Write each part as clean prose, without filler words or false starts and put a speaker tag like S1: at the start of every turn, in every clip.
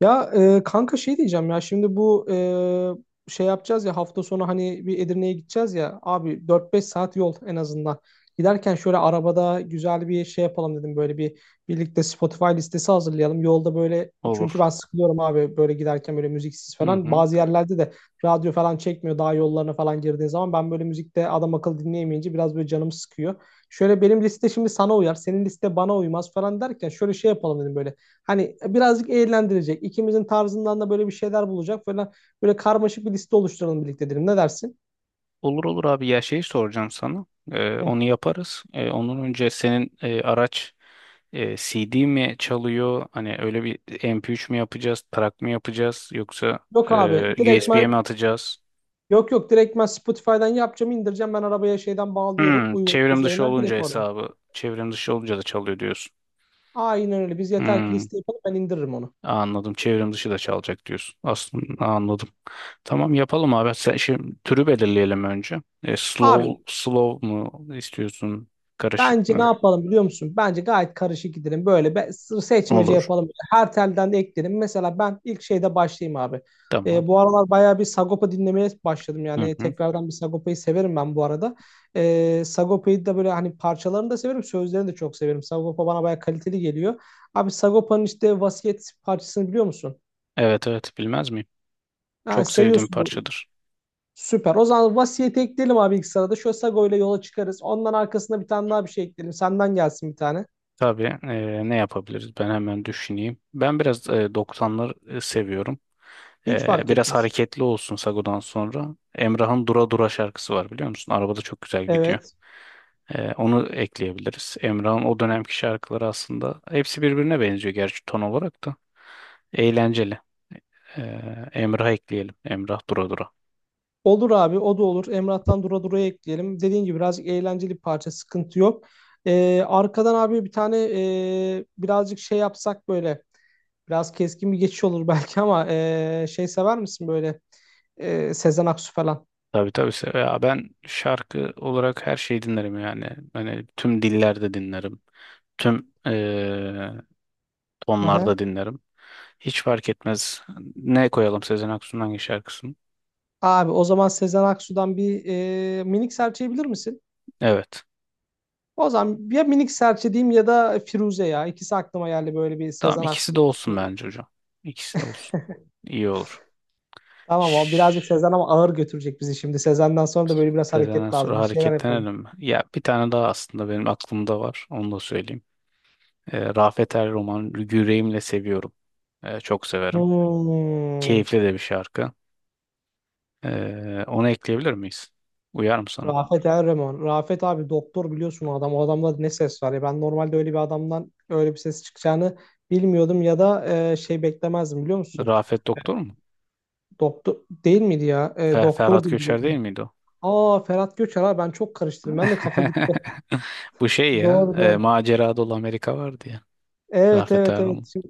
S1: Ya kanka şey diyeceğim ya şimdi şey yapacağız ya hafta sonu hani bir Edirne'ye gideceğiz ya abi dört beş saat yol en azından. Giderken şöyle arabada güzel bir şey yapalım dedim böyle bir birlikte Spotify listesi hazırlayalım. Yolda böyle çünkü
S2: Olur.
S1: ben sıkılıyorum abi böyle giderken böyle müziksiz
S2: Hı
S1: falan.
S2: hı.
S1: Bazı yerlerde de radyo falan çekmiyor daha yollarına falan girdiğin zaman ben böyle müzikte adam akıllı dinleyemeyince biraz böyle canım sıkıyor. Şöyle benim liste şimdi sana uyar, senin liste bana uymaz falan derken şöyle şey yapalım dedim böyle. Hani birazcık eğlendirecek, ikimizin tarzından da böyle bir şeyler bulacak falan. Böyle karmaşık bir liste oluşturalım birlikte dedim. Ne dersin?
S2: Olur olur abi, ya şey soracağım sana.
S1: Hı.
S2: Onu yaparız. Ondan önce senin araç CD mi çalıyor? Hani öyle bir MP3 mü yapacağız, track mı yapacağız yoksa
S1: Yok abi, direkt
S2: USB'ye mi
S1: ben
S2: atacağız?
S1: yok yok direkt ben Spotify'dan yapacağım, indireceğim. Ben arabaya şeyden bağlıyorum, uygulama
S2: Çevrim dışı
S1: üzerinden
S2: olunca
S1: direkt orada.
S2: hesabı, çevrim dışı olunca da çalıyor diyorsun.
S1: Aynen öyle. Biz yeter ki
S2: Hmm,
S1: liste yapalım, ben indiririm onu.
S2: Anladım. Çevrim dışı da çalacak diyorsun. Aslında anladım. Tamam, yapalım abi. Sen şimdi türü belirleyelim önce. Slow
S1: Abi
S2: slow mu istiyorsun? Karışık
S1: bence ne
S2: mı?
S1: yapalım biliyor musun? Bence gayet karışık gidelim. Seçmece
S2: Olur.
S1: yapalım. Her telden de ekleyelim. Mesela ben ilk şeyde başlayayım abi.
S2: Tamam.
S1: Bu aralar bayağı bir Sagopa dinlemeye başladım.
S2: Hı
S1: Yani
S2: hı.
S1: tekrardan bir Sagopa'yı severim ben bu arada. Sagopa'yı da böyle hani parçalarını da severim. Sözlerini de çok severim. Sagopa bana bayağı kaliteli geliyor. Abi Sagopa'nın işte Vasiyet parçasını biliyor musun?
S2: Evet, evet, bilmez miyim?
S1: Ha,
S2: Çok sevdiğim
S1: seviyorsun bunu.
S2: parçadır.
S1: Süper. O zaman Vasiyet'i ekleyelim abi ilk sırada. Şöyle Sago ile yola çıkarız. Ondan arkasında bir tane daha bir şey ekleyelim. Senden gelsin bir tane.
S2: Tabii, ne yapabiliriz? Ben hemen düşüneyim. Ben biraz 90'lar seviyorum.
S1: Hiç fark
S2: Biraz
S1: etmez.
S2: hareketli olsun Sago'dan sonra. Emrah'ın Dura Dura şarkısı var, biliyor musun? Arabada çok güzel gidiyor.
S1: Evet.
S2: Onu ekleyebiliriz. Emrah'ın o dönemki şarkıları aslında hepsi birbirine benziyor gerçi, ton olarak da. Eğlenceli. E, Emrah ekleyelim. Emrah Dura Dura.
S1: Olur abi o da olur. Emrah'tan Dura Dura'ya ekleyelim. Dediğin gibi birazcık eğlenceli bir parça sıkıntı yok. Arkadan abi bir tane, birazcık şey yapsak böyle biraz keskin bir geçiş olur belki ama, şey sever misin böyle, Sezen Aksu falan?
S2: Tabii, tabii. Ya, ben şarkı olarak her şeyi dinlerim yani. Hani tüm dillerde dinlerim. Tüm
S1: Aha.
S2: tonlarda dinlerim. Hiç fark etmez. Ne koyalım, Sezen Aksu'nun hangi şarkısını?
S1: Abi o zaman Sezen Aksu'dan, minik serçe bilir misin?
S2: Evet.
S1: O zaman ya minik serçe diyeyim ya da Firuze ya. İkisi aklıma geldi böyle bir
S2: Tamam,
S1: Sezen Aksu.
S2: ikisi de olsun bence hocam. İkisi de olsun. İyi olur.
S1: Tamam o birazcık
S2: Şşş,
S1: Sezen ama ağır götürecek bizi şimdi. Sezen'den sonra da böyle biraz
S2: Sezen'den
S1: hareket
S2: sonra
S1: lazım. Bir şeyler yapalım.
S2: hareketlenelim mi? Ya, bir tane daha aslında benim aklımda var. Onu da söyleyeyim. Rafet Er Roman Yüreğimle Seviyorum. Çok severim.
S1: Hmm.
S2: Keyifli de bir şarkı. Onu ekleyebilir miyiz? Uyar mı sana?
S1: Rafet Erreman. Rafet abi doktor biliyorsun o adam. O adamda ne ses var ya. Ben normalde öyle bir adamdan öyle bir ses çıkacağını bilmiyordum ya da, şey beklemezdim biliyor musun?
S2: Rafet Doktor mu?
S1: Doktor değil miydi ya? E, doktor
S2: Ferhat
S1: diye
S2: Göçer değil
S1: biliyorum.
S2: miydi o?
S1: Aa Ferhat Göçer abi ben çok karıştırdım. Ben de kafa gitti.
S2: Bu şey ya.
S1: Doğru doğru.
S2: Macera Dolu Amerika vardı ya.
S1: Evet
S2: Rafet
S1: evet
S2: Erman.
S1: evet. Şimdi,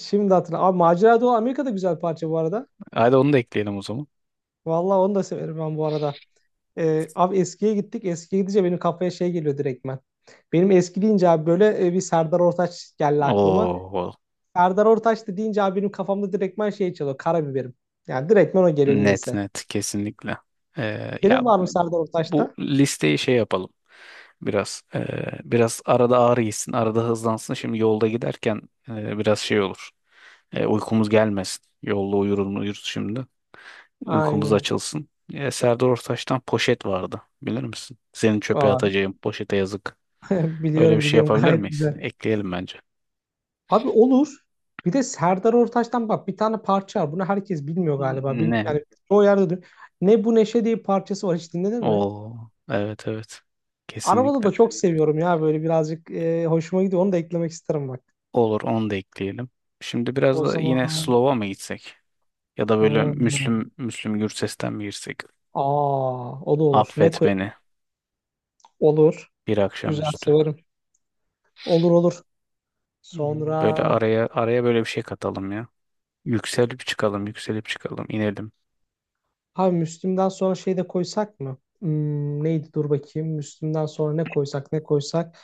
S1: şimdi hatırladım. Abi Macera Dolu Amerika'da güzel parça bu arada.
S2: Hadi, onu da ekleyelim o zaman.
S1: Vallahi onu da severim ben bu arada. Abi eskiye gittik. Eskiye gidince benim kafaya şey geliyor direktmen. Benim eski deyince abi böyle, bir Serdar Ortaç geldi aklıma.
S2: Oo,
S1: Serdar Ortaç da deyince abi benim kafamda direktmen şey çalıyor. Karabiberim. Yani direktmen o geliyor
S2: net
S1: niyeyse.
S2: net, kesinlikle. Ya,
S1: Senin var mı Serdar
S2: bu
S1: Ortaç'ta?
S2: listeyi şey yapalım biraz. Biraz arada ağrı gitsin, arada hızlansın. Şimdi yolda giderken biraz şey olur. Uykumuz gelmesin. Yolda uyuruz uyuruz şimdi.
S1: Aynen
S2: Uykumuz
S1: öyle.
S2: açılsın. Serdar Ortaç'tan Poşet vardı. Bilir misin? Seni çöpe
S1: Aa,
S2: atacağım. Poşete yazık. Öyle bir
S1: biliyorum
S2: şey
S1: biliyorum
S2: yapabilir
S1: gayet
S2: miyiz?
S1: güzel.
S2: Ekleyelim bence.
S1: Abi olur. Bir de Serdar Ortaç'tan bak bir tane parça var. Bunu herkes bilmiyor galiba. Bil,
S2: Ne?
S1: yani çoğu yerde duy- Ne bu neşe diye bir parçası var. Hiç dinledin mi?
S2: Oo, evet, evet.
S1: Arabada
S2: Kesinlikle.
S1: da çok seviyorum ya böyle birazcık, hoşuma gidiyor. Onu da eklemek isterim bak.
S2: Olur, onu da ekleyelim. Şimdi biraz
S1: O
S2: da yine
S1: zaman
S2: Slow'a mı gitsek? Ya da böyle
S1: hmm.
S2: Müslüm, Müslüm Gürses'ten mi girsek?
S1: Aa, o da olur. Ne
S2: Affet
S1: koy?
S2: Beni
S1: Olur.
S2: Bir
S1: Güzel
S2: Akşamüstü.
S1: severim. Olur, olur. Sonra
S2: Böyle araya araya böyle bir şey katalım ya. Yükselip çıkalım, yükselip çıkalım, inelim.
S1: ha Müslüm'den sonra şey de koysak mı? Hmm, neydi? Dur bakayım. Müslüm'den sonra ne koysak ne koysak.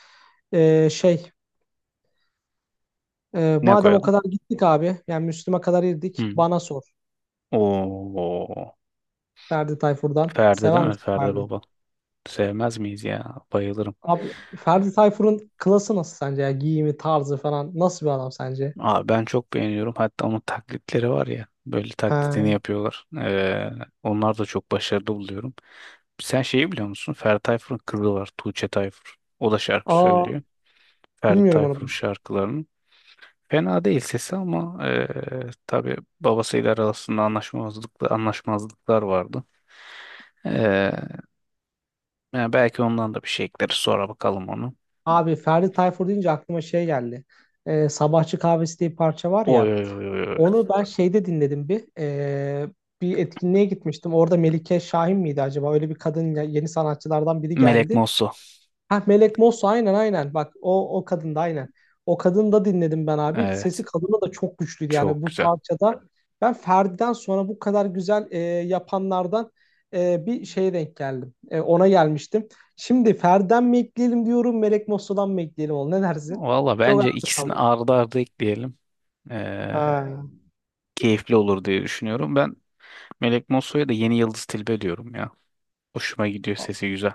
S1: Ee, şey
S2: Ne
S1: Madem o
S2: koyalım?
S1: kadar gittik abi. Yani Müslüm'e kadar girdik.
S2: Hmm.
S1: Bana sor.
S2: Oo.
S1: Ferdi Tayfur'dan.
S2: Ferdi değil
S1: Sever
S2: mi?
S1: misin
S2: Ferdi
S1: Ferdi?
S2: Baba. Sevmez miyiz ya? Bayılırım.
S1: Abi Ferdi Tayfur'un klası nasıl sence ya? Giyimi, tarzı falan. Nasıl bir adam sence?
S2: Aa, ben çok beğeniyorum. Hatta onun taklitleri var ya. Böyle taklitini
S1: Ha.
S2: yapıyorlar. Onlar da çok başarılı buluyorum. Sen şeyi biliyor musun? Ferdi Tayfur'un kızı var. Tuğçe Tayfur. O da şarkı
S1: Aa,
S2: söylüyor. Ferdi
S1: bilmiyorum
S2: Tayfur'un
S1: onu.
S2: şarkılarının. Fena değil sesi, ama tabii babasıyla arasında anlaşmazlıklar, anlaşmazlıklar vardı. Ee, Yani belki ondan da bir şey ekleriz. Sonra bakalım onu.
S1: Abi Ferdi Tayfur deyince aklıma şey geldi. Sabahçı Kahvesi diye bir parça var
S2: Oy,
S1: ya.
S2: oy, oy, oy, oy.
S1: Onu ben şeyde dinledim bir. Bir etkinliğe gitmiştim. Orada Melike Şahin miydi acaba? Öyle bir kadın ya- yeni sanatçılardan biri
S2: Melek
S1: geldi.
S2: Mosso.
S1: Ha Melek Mosso aynen, aynen. Bak o o kadın da aynen. O kadını da dinledim ben abi.
S2: Evet.
S1: Sesi kadına da çok güçlüydü yani
S2: Çok
S1: bu
S2: güzel.
S1: parçada. Ben Ferdi'den sonra bu kadar güzel, yapanlardan bir şeye denk geldim. E, ona gelmiştim. Şimdi Ferdi'den mi ekleyelim diyorum, Melek Mosso'dan mı ekleyelim oğlum? Ne dersin?
S2: Valla,
S1: Çok arada
S2: bence ikisini
S1: kaldım.
S2: ardı ardı ekleyelim. Ee,
S1: Ha.
S2: Keyifli olur diye düşünüyorum. Ben Melek Mosso'ya da yeni Yıldız Tilbe diyorum ya. Hoşuma gidiyor, sesi güzel.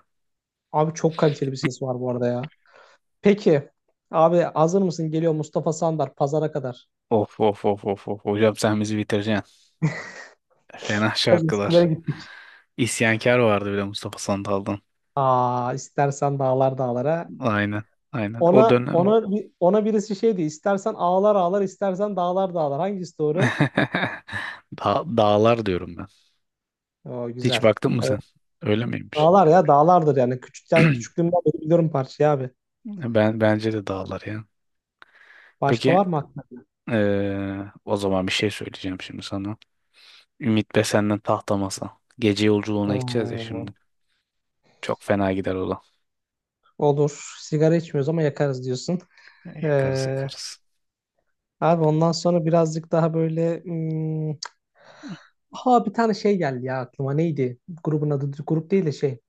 S1: Abi çok kaliteli bir ses var bu arada ya. Peki abi hazır mısın? Geliyor Mustafa Sandar pazara kadar.
S2: Of, of, of, of, of. Hocam, sen bizi bitireceksin. Fena
S1: Biraz eskilere
S2: şarkılar.
S1: gittik.
S2: İsyankar vardı bile Mustafa Sandal'dan.
S1: Aa istersen dağlar dağlara,
S2: Aynen. Aynen. O
S1: ona
S2: dönem.
S1: ona bir- ona birisi şeydi. İstersen ağlar ağlar, istersen dağlar dağlar. Hangisi doğru?
S2: Dağlar diyorum ben.
S1: Oo,
S2: Hiç
S1: güzel.
S2: baktın mı sen?
S1: Evet.
S2: Öyle miymiş?
S1: Dağlar ya dağlardır yani. Küçükten küçüklüğümden beri biliyorum parçayı abi.
S2: Ben bence de dağlar ya.
S1: Başka
S2: Peki,
S1: var mı aklında?
S2: ee, o zaman bir şey söyleyeceğim şimdi sana. Ümit Be senden tahta masa. Gece yolculuğuna gideceğiz ya
S1: Hmm.
S2: şimdi. Çok fena gider o da.
S1: Olur. Sigara içmiyoruz ama yakarız diyorsun.
S2: Yakarız
S1: Ee,
S2: yakarız.
S1: Abi ondan sonra birazcık daha böyle hmm, ha bir tane şey geldi ya aklıma. Neydi? Grubun adı grup değil de şey.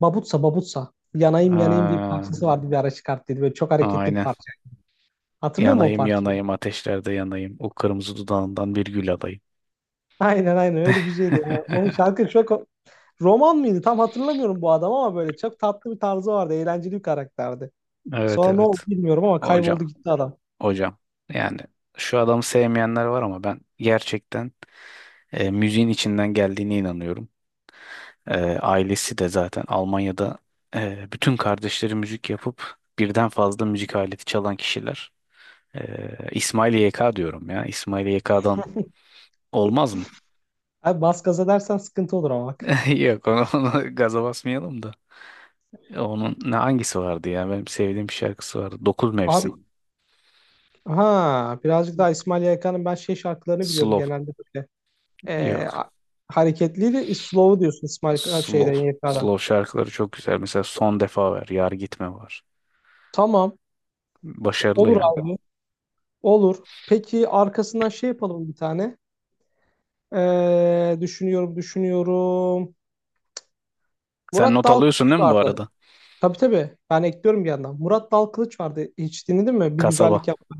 S1: Babutsa. Yanayım yanayım diye bir
S2: Aa,
S1: parçası vardı bir ara çıkarttıydı. Böyle çok hareketli bir
S2: aynen.
S1: parça. Hatırlıyor musun o
S2: Yanayım
S1: parça?
S2: yanayım ateşlerde yanayım. O kırmızı dudağından bir gül alayım.
S1: Aynen, öyle bir şeydi ya. Onun şarkı çok roman mıydı? Tam hatırlamıyorum bu adam ama böyle çok tatlı bir tarzı vardı. Eğlenceli bir karakterdi.
S2: Evet,
S1: Sonra ne oldu
S2: evet.
S1: bilmiyorum ama
S2: Hocam,
S1: kayboldu gitti adam.
S2: hocam. Yani şu adamı sevmeyenler var ama ben gerçekten müziğin içinden geldiğine inanıyorum. Ailesi de zaten Almanya'da bütün kardeşleri müzik yapıp birden fazla müzik aleti çalan kişiler. İsmail YK diyorum ya. İsmail YK'dan olmaz mı?
S1: Abi bas gaza dersen sıkıntı olur ama bak.
S2: Yok, onu gaza basmayalım da. Onun ne, hangisi vardı ya? Benim sevdiğim bir şarkısı vardı. Dokuz
S1: Abi
S2: Mevsim.
S1: ha birazcık daha İsmail Yaykan'ın ben şey şarkılarını biliyorum
S2: Slow.
S1: genelde böyle. Ee,
S2: Yok.
S1: a- Hareketliydi. Slow'u diyorsun İsmail Ka- şeyden
S2: Slow.
S1: YK'dan.
S2: Slow şarkıları çok güzel. Mesela Son Defa ver Yar Gitme var.
S1: Tamam.
S2: Başarılı
S1: Olur
S2: yani.
S1: abi. Olur. Peki arkasından şey yapalım bir tane. Düşünüyorum, düşünüyorum.
S2: Sen
S1: Murat
S2: not alıyorsun
S1: Dalkılıç
S2: değil mi, bu
S1: vardı.
S2: arada?
S1: Tabii, tabii. Ben ekliyorum bir yandan. Murat Dalkılıç vardı. Hiç dinledin mi? Bir güzellik
S2: Kasaba.
S1: yaptı.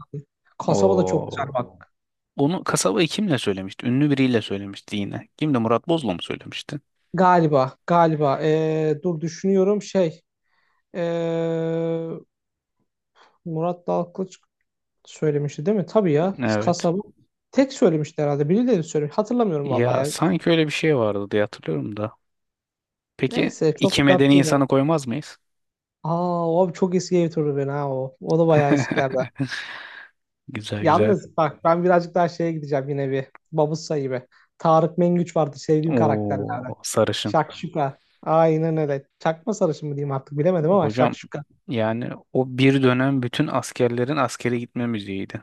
S1: Kasaba da çok güzel
S2: Oo.
S1: bak.
S2: Onu, Kasabayı kimle söylemişti? Ünlü biriyle söylemişti yine. Kimdi? Murat Bozla mı söylemişti?
S1: Galiba, galiba. Dur düşünüyorum ee, Murat Dalkılıç söylemişti değil mi? Tabii ya.
S2: Evet.
S1: Kasaba. Tek söylemişti herhalde. Birileri söylemiş. Hatırlamıyorum vallahi
S2: Ya,
S1: ya.
S2: sanki öyle bir şey vardı diye hatırlıyorum da. Peki,
S1: Neyse
S2: iki
S1: çok dert
S2: medeni
S1: değil abi.
S2: insanı koymaz mıyız?
S1: Aa o abi çok eski ev turu ben ha o. O da bayağı eskilerden.
S2: Güzel, güzel.
S1: Yalnız bak ben birazcık daha şeye gideceğim yine bir. Babus sayı be. Tarık Mengüç vardı sevdiğim karakterlerden.
S2: O sarışın.
S1: Şakşuka. Aynen öyle. Çakma sarışın mı diyeyim artık bilemedim ama
S2: Hocam,
S1: şakşuka.
S2: yani o bir dönem bütün askerlerin askere gitme müziğiydi.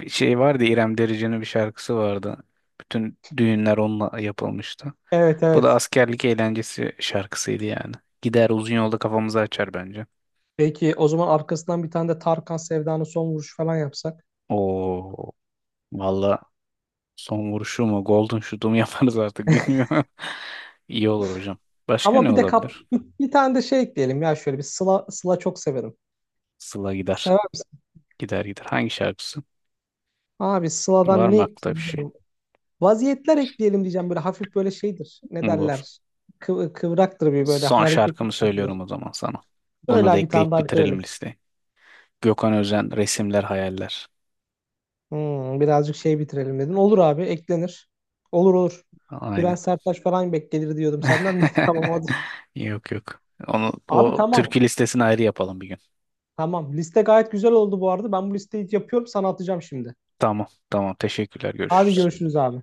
S2: Bir şey vardı, İrem Derici'nin bir şarkısı vardı. Bütün düğünler onunla yapılmıştı.
S1: Evet,
S2: Bu da
S1: evet.
S2: askerlik eğlencesi şarkısıydı yani. Gider, uzun yolda kafamızı açar bence.
S1: Peki o zaman arkasından bir tane de Tarkan Sevda'nın son vuruşu falan yapsak.
S2: O, valla, son vuruşu mu, golden shoot'u mu yaparız artık, bilmiyorum. İyi olur hocam. Başka
S1: Ama
S2: ne
S1: bir de kap
S2: olabilir?
S1: bir tane de şey ekleyelim ya şöyle bir Sıla, Sıla çok severim.
S2: Sıla gider.
S1: Sever misin?
S2: Gider gider. Hangi şarkısı?
S1: Abi
S2: Var
S1: Sıla'dan ne
S2: mı aklında bir
S1: ekleyelim
S2: şey?
S1: bilmiyorum. Vaziyetler ekleyelim diyeceğim böyle hafif böyle şeydir. Ne
S2: Olur.
S1: derler? Kıvraktır bir böyle
S2: Son
S1: hareketli
S2: şarkımı
S1: parçadır.
S2: söylüyorum o zaman sana. Bunu da
S1: Böyle bir tane
S2: ekleyip
S1: daha
S2: bitirelim
S1: bitirelim.
S2: listeyi. Gökhan Özen, Resimler Hayaller.
S1: Hmm, birazcık şey bitirelim dedin. Olur abi eklenir. Olur, olur.
S2: Aynen.
S1: Bülent Serttaş falan beklenir diyordum senden. Ne tamam hadi.
S2: Yok, yok. Onu,
S1: Abi
S2: o
S1: tamam.
S2: türkü listesini ayrı yapalım bir gün.
S1: Tamam. Liste gayet güzel oldu bu arada. Ben bu listeyi yapıyorum sana atacağım şimdi.
S2: Tamam, tamam. Teşekkürler.
S1: Hadi
S2: Görüşürüz.
S1: görüşürüz abi.